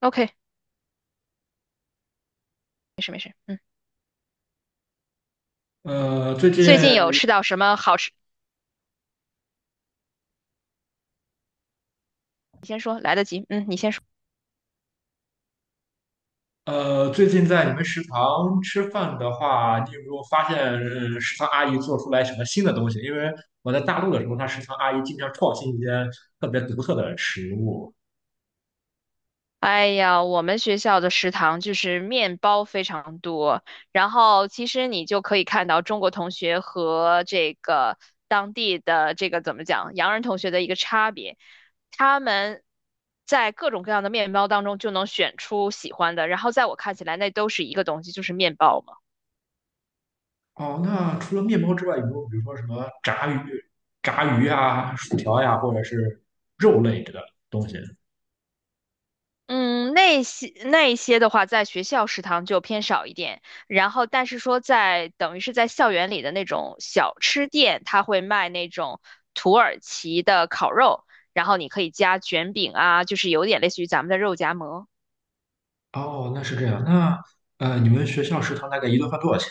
OK，没事没事，呃，最近最近有吃到什么好吃？你先说，来得及，你先说。最近在你们食堂吃饭的话，你有没有发现，食堂阿姨做出来什么新的东西？因为我在大陆的时候，食堂阿姨经常创新一些特别独特的食物。哎呀，我们学校的食堂就是面包非常多，然后其实你就可以看到中国同学和这个当地的这个怎么讲，洋人同学的一个差别。他们在各种各样的面包当中就能选出喜欢的，然后在我看起来，那都是一个东西，就是面包嘛。哦，那除了面包之外，有没有比如说什么炸鱼、炸鱼啊、薯条呀、或者是肉类的东西？嗯，那一些的话，在学校食堂就偏少一点。然后，但是说在等于是在校园里的那种小吃店，它会卖那种土耳其的烤肉，然后你可以加卷饼啊，就是有点类似于咱们的肉夹馍。哦，那是这样。那你们学校食堂大概一顿饭多少钱？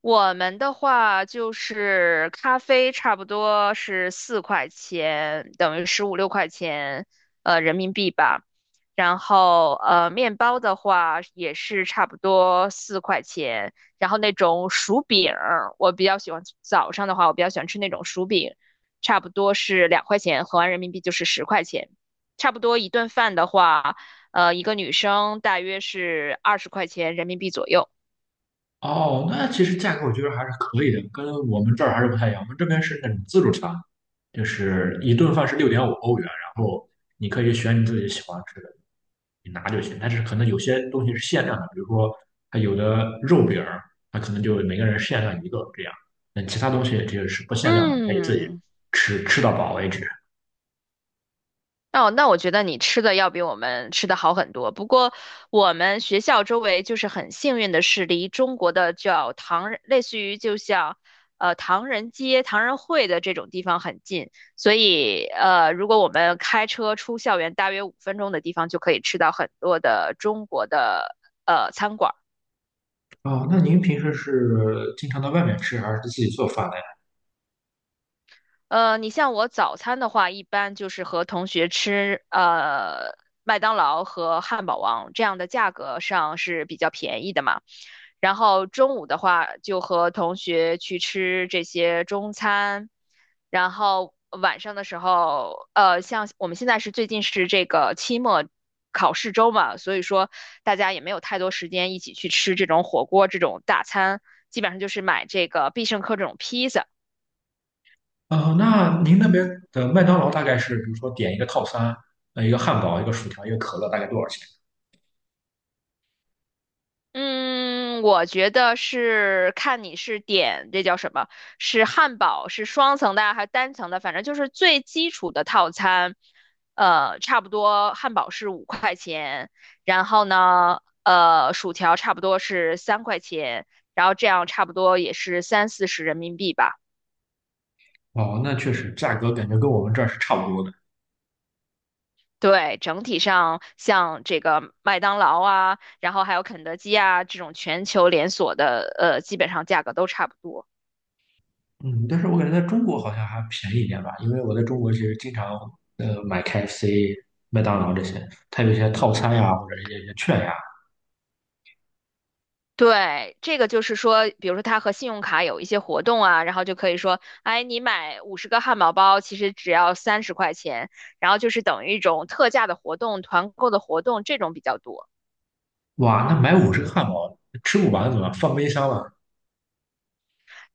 我们的话就是咖啡差不多是四块钱，等于十五六块钱，人民币吧。然后面包的话也是差不多四块钱。然后那种薯饼儿我比较喜欢早上的话，我比较喜欢吃那种薯饼，差不多是2块钱，合完人民币就是十块钱。差不多一顿饭的话，一个女生大约是20块钱人民币左右。哦，那其实价格我觉得还是可以的，跟我们这儿还是不太一样。我们这边是那种自助餐，就是一顿饭是6.5欧元，然后你可以选你自己喜欢吃的，你拿就行。但是可能有些东西是限量的，比如说它有的肉饼儿，它可能就每个人限量一个这样。那其他东西这个是不限量的，你可以自己嗯，吃到饱为止。哦，那我觉得你吃的要比我们吃的好很多。不过我们学校周围就是很幸运的是，离中国的叫唐人类似于就像唐人街、唐人会的这种地方很近，所以如果我们开车出校园大约5分钟的地方，就可以吃到很多的中国的餐馆。哦，那您平时是经常到外面吃，还是自己做饭呢？你像我早餐的话，一般就是和同学吃麦当劳和汉堡王这样的价格上是比较便宜的嘛。然后中午的话，就和同学去吃这些中餐。然后晚上的时候，像我们现在是最近是这个期末考试周嘛，所以说大家也没有太多时间一起去吃这种火锅这种大餐，基本上就是买这个必胜客这种披萨。哦，那您那边的麦当劳大概是，比如说点一个套餐，一个汉堡，一个薯条，一个可乐，大概多少钱？嗯，我觉得是看你是点这叫什么，是汉堡是双层的啊还是单层的，反正就是最基础的套餐，差不多汉堡是5块钱，然后呢，薯条差不多是3块钱，然后这样差不多也是三四十人民币吧。哦，那确实价格感觉跟我们这儿是差不多的。对，整体上像这个麦当劳啊，然后还有肯德基啊这种全球连锁的，基本上价格都差不多。嗯，但是我感觉在中国好像还便宜一点吧，因为我在中国其实经常买 KFC、麦当劳这些，它有一些套餐呀，或者一些券呀。对，这个就是说，比如说它和信用卡有一些活动啊，然后就可以说，哎，你买50个汉堡包，其实只要30块钱，然后就是等于一种特价的活动、团购的活动，这种比较多。哇，那买50个汉堡吃不完怎么办放冰箱了？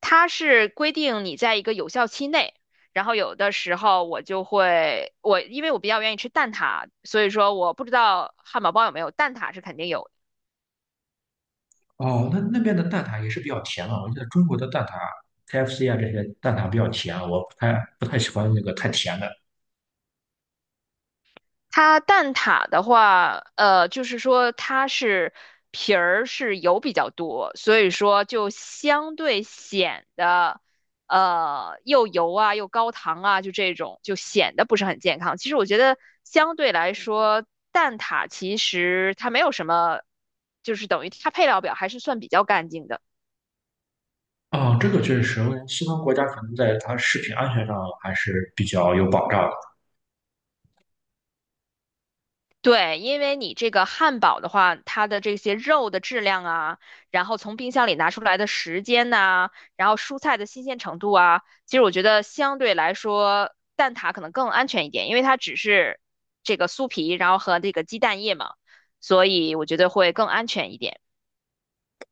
它是规定你在一个有效期内，然后有的时候我就会，我因为我比较愿意吃蛋挞，所以说我不知道汉堡包有没有，蛋挞是肯定有哦，那那边的蛋挞也是比较甜啊，我记得中国的蛋挞 KFC 啊这些蛋挞比较甜啊，我不太喜欢那个太甜的。它蛋挞的话，就是说它是皮儿是油比较多，所以说就相对显得，又油啊又高糖啊，就这种就显得不是很健康。其实我觉得相对来说，蛋挞其实它没有什么，就是等于它配料表还是算比较干净的。啊、这个确实，我感觉西方国家可能在它食品安全上还是比较有保障的。对，因为你这个汉堡的话，它的这些肉的质量啊，然后从冰箱里拿出来的时间呐、然后蔬菜的新鲜程度啊，其实我觉得相对来说，蛋挞可能更安全一点，因为它只是这个酥皮，然后和这个鸡蛋液嘛，所以我觉得会更安全一点。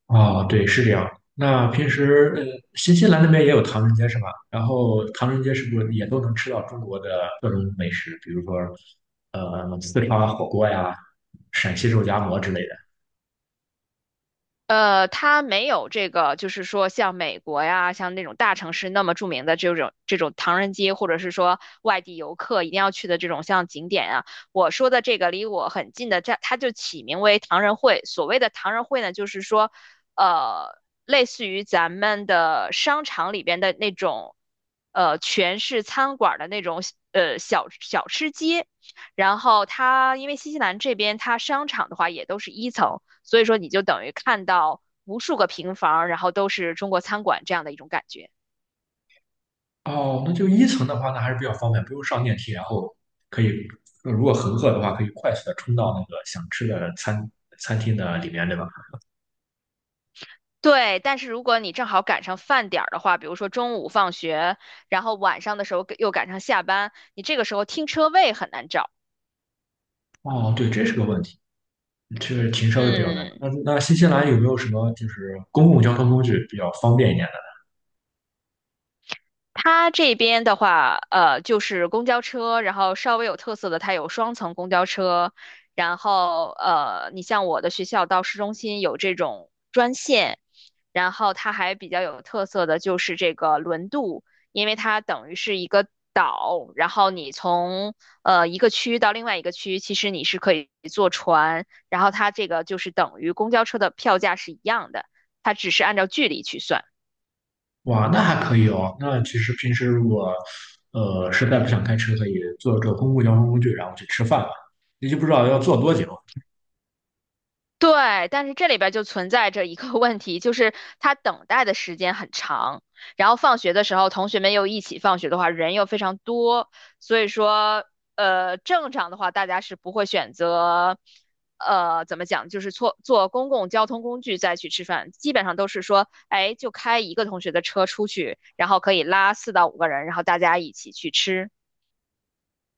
啊、对，是这样的。那平时，新西兰那边也有唐人街是吧？然后唐人街是不是也都能吃到中国的各种美食，比如说，四川火锅呀、陕西肉夹馍之类的？它没有这个，就是说像美国呀，像那种大城市那么著名的这种唐人街，或者是说外地游客一定要去的这种像景点啊。我说的这个离我很近的，它就起名为唐人会。所谓的唐人会呢，就是说，呃，类似于咱们的商场里边的那种，全是餐馆儿的那种，小小吃街。然后它因为新西兰这边它商场的话也都是一层，所以说你就等于看到无数个平房，然后都是中国餐馆这样的一种感觉。哦，那就一层的话，那还是比较方便，不用上电梯，然后可以，如果很饿的话，可以快速的冲到那个想吃的餐厅的里面，对吧？对，但是如果你正好赶上饭点儿的话，比如说中午放学，然后晚上的时候又赶上下班，你这个时候停车位很难找。哦，对，这是个问题。这个挺稍微比较难找。嗯，那新西兰有没有什么就是公共交通工具比较方便一点它这边的话，就是公交车，然后稍微有特色的，它有双层公交车，然后你像我的学校到市中心有这种专线，然后它还比较有特色的就是这个轮渡，因为它等于是一个岛，然后你从一个区到另外一个区，其实你是可以坐船，然后它这个就是等于公交车的票价是一样的，它只是按照距离去算。的？哇，那还可以哦。那其实平时如果实在不想开车，可以坐这公共交通工具，然后去吃饭吧。你就不知道要坐多久。对，但是这里边就存在着一个 问题，就是他等待的时间很长，然后放学的时候，同学们又一起放学的话，人又非常多，所以说，正常的话，大家是不会选择，怎么讲，就是坐坐公共交通工具再去吃饭，基本上都是说，哎，就开一个同学的车出去，然后可以拉4到5个人，然后大家一起去吃。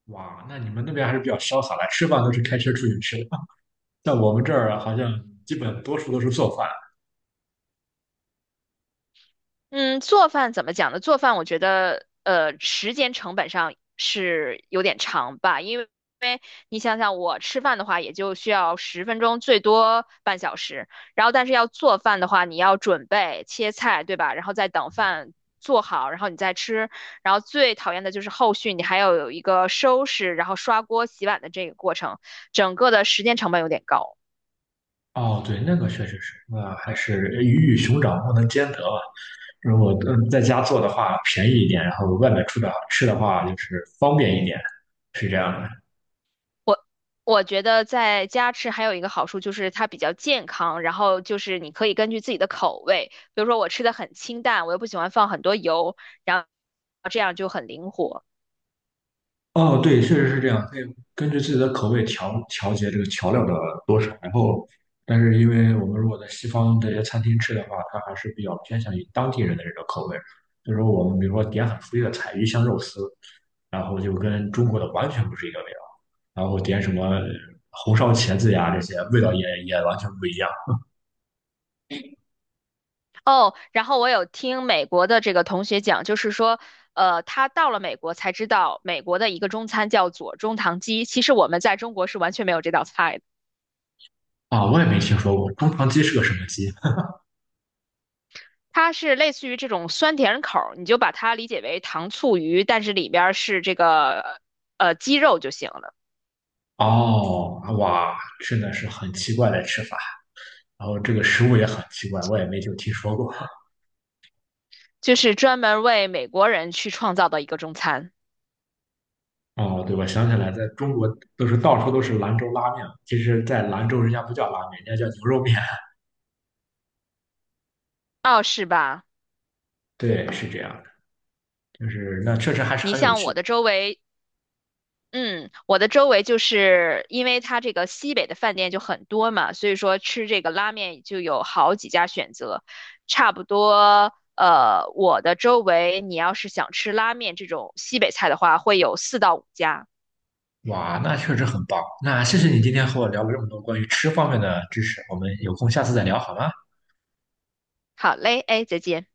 哇，那你们那边还是比较潇洒的，吃饭都是开车出去吃的。在我们这儿啊好像基本多数都是做饭。嗯，做饭怎么讲呢？做饭我觉得，时间成本上是有点长吧，因为你想想，我吃饭的话也就需要10分钟，最多半小时。然后，但是要做饭的话，你要准备切菜，对吧？然后再等饭做好，然后你再吃。然后最讨厌的就是后续你还要有一个收拾，然后刷锅、洗碗的这个过程，整个的时间成本有点高。哦，对，那个确实是，那还是鱼与熊掌不能兼得吧。如果在家做的话便宜一点，然后外面出的吃的话就是方便一点，是这样的。我我觉得在家吃还有一个好处就是它比较健康，然后就是你可以根据自己的口味，比如说我吃的很清淡，我又不喜欢放很多油，然后这样就很灵活。哦，对，确实是这样，可以根据自己的口味调节这个调料的多少。然后，但是因为我们如果在西方这些餐厅吃的话，它还是比较偏向于当地人的这个口味。就是说我们比如说点很肥的菜，鱼香肉丝，然后就跟中国的完全不是一个味道。然后点什么红烧茄子呀，这些味道也完全不一样哦，然后我有听美国的这个同学讲，就是说，他到了美国才知道美国的一个中餐叫左中棠鸡，其实我们在中国是完全没有这道菜的。啊！我也没听说过中肠鸡是个什么鸡它是类似于这种酸甜口儿，你就把它理解为糖醋鱼，但是里边儿是这个鸡肉就行了。哦，哇，真的是很奇怪的吃法。然后这个食物也很奇怪，我也没就听说过 就是专门为美国人去创造的一个中餐。哦。对，我想起来，在中国都是到处都是兰州拉面，其实，在兰州人家不叫拉面，人家叫牛肉面。哦，是吧？对，是这样的，就是那确实还是你很有像我趣。的周围，嗯，我的周围就是因为它这个西北的饭店就很多嘛，所以说吃这个拉面就有好几家选择。差不多，我的周围你要是想吃拉面这种西北菜的话，会有4到5家。哇，那确实很棒。那谢谢你今天和我聊了这么多关于吃方面的知识，我们有空下次再聊好吗？好嘞，哎，再见。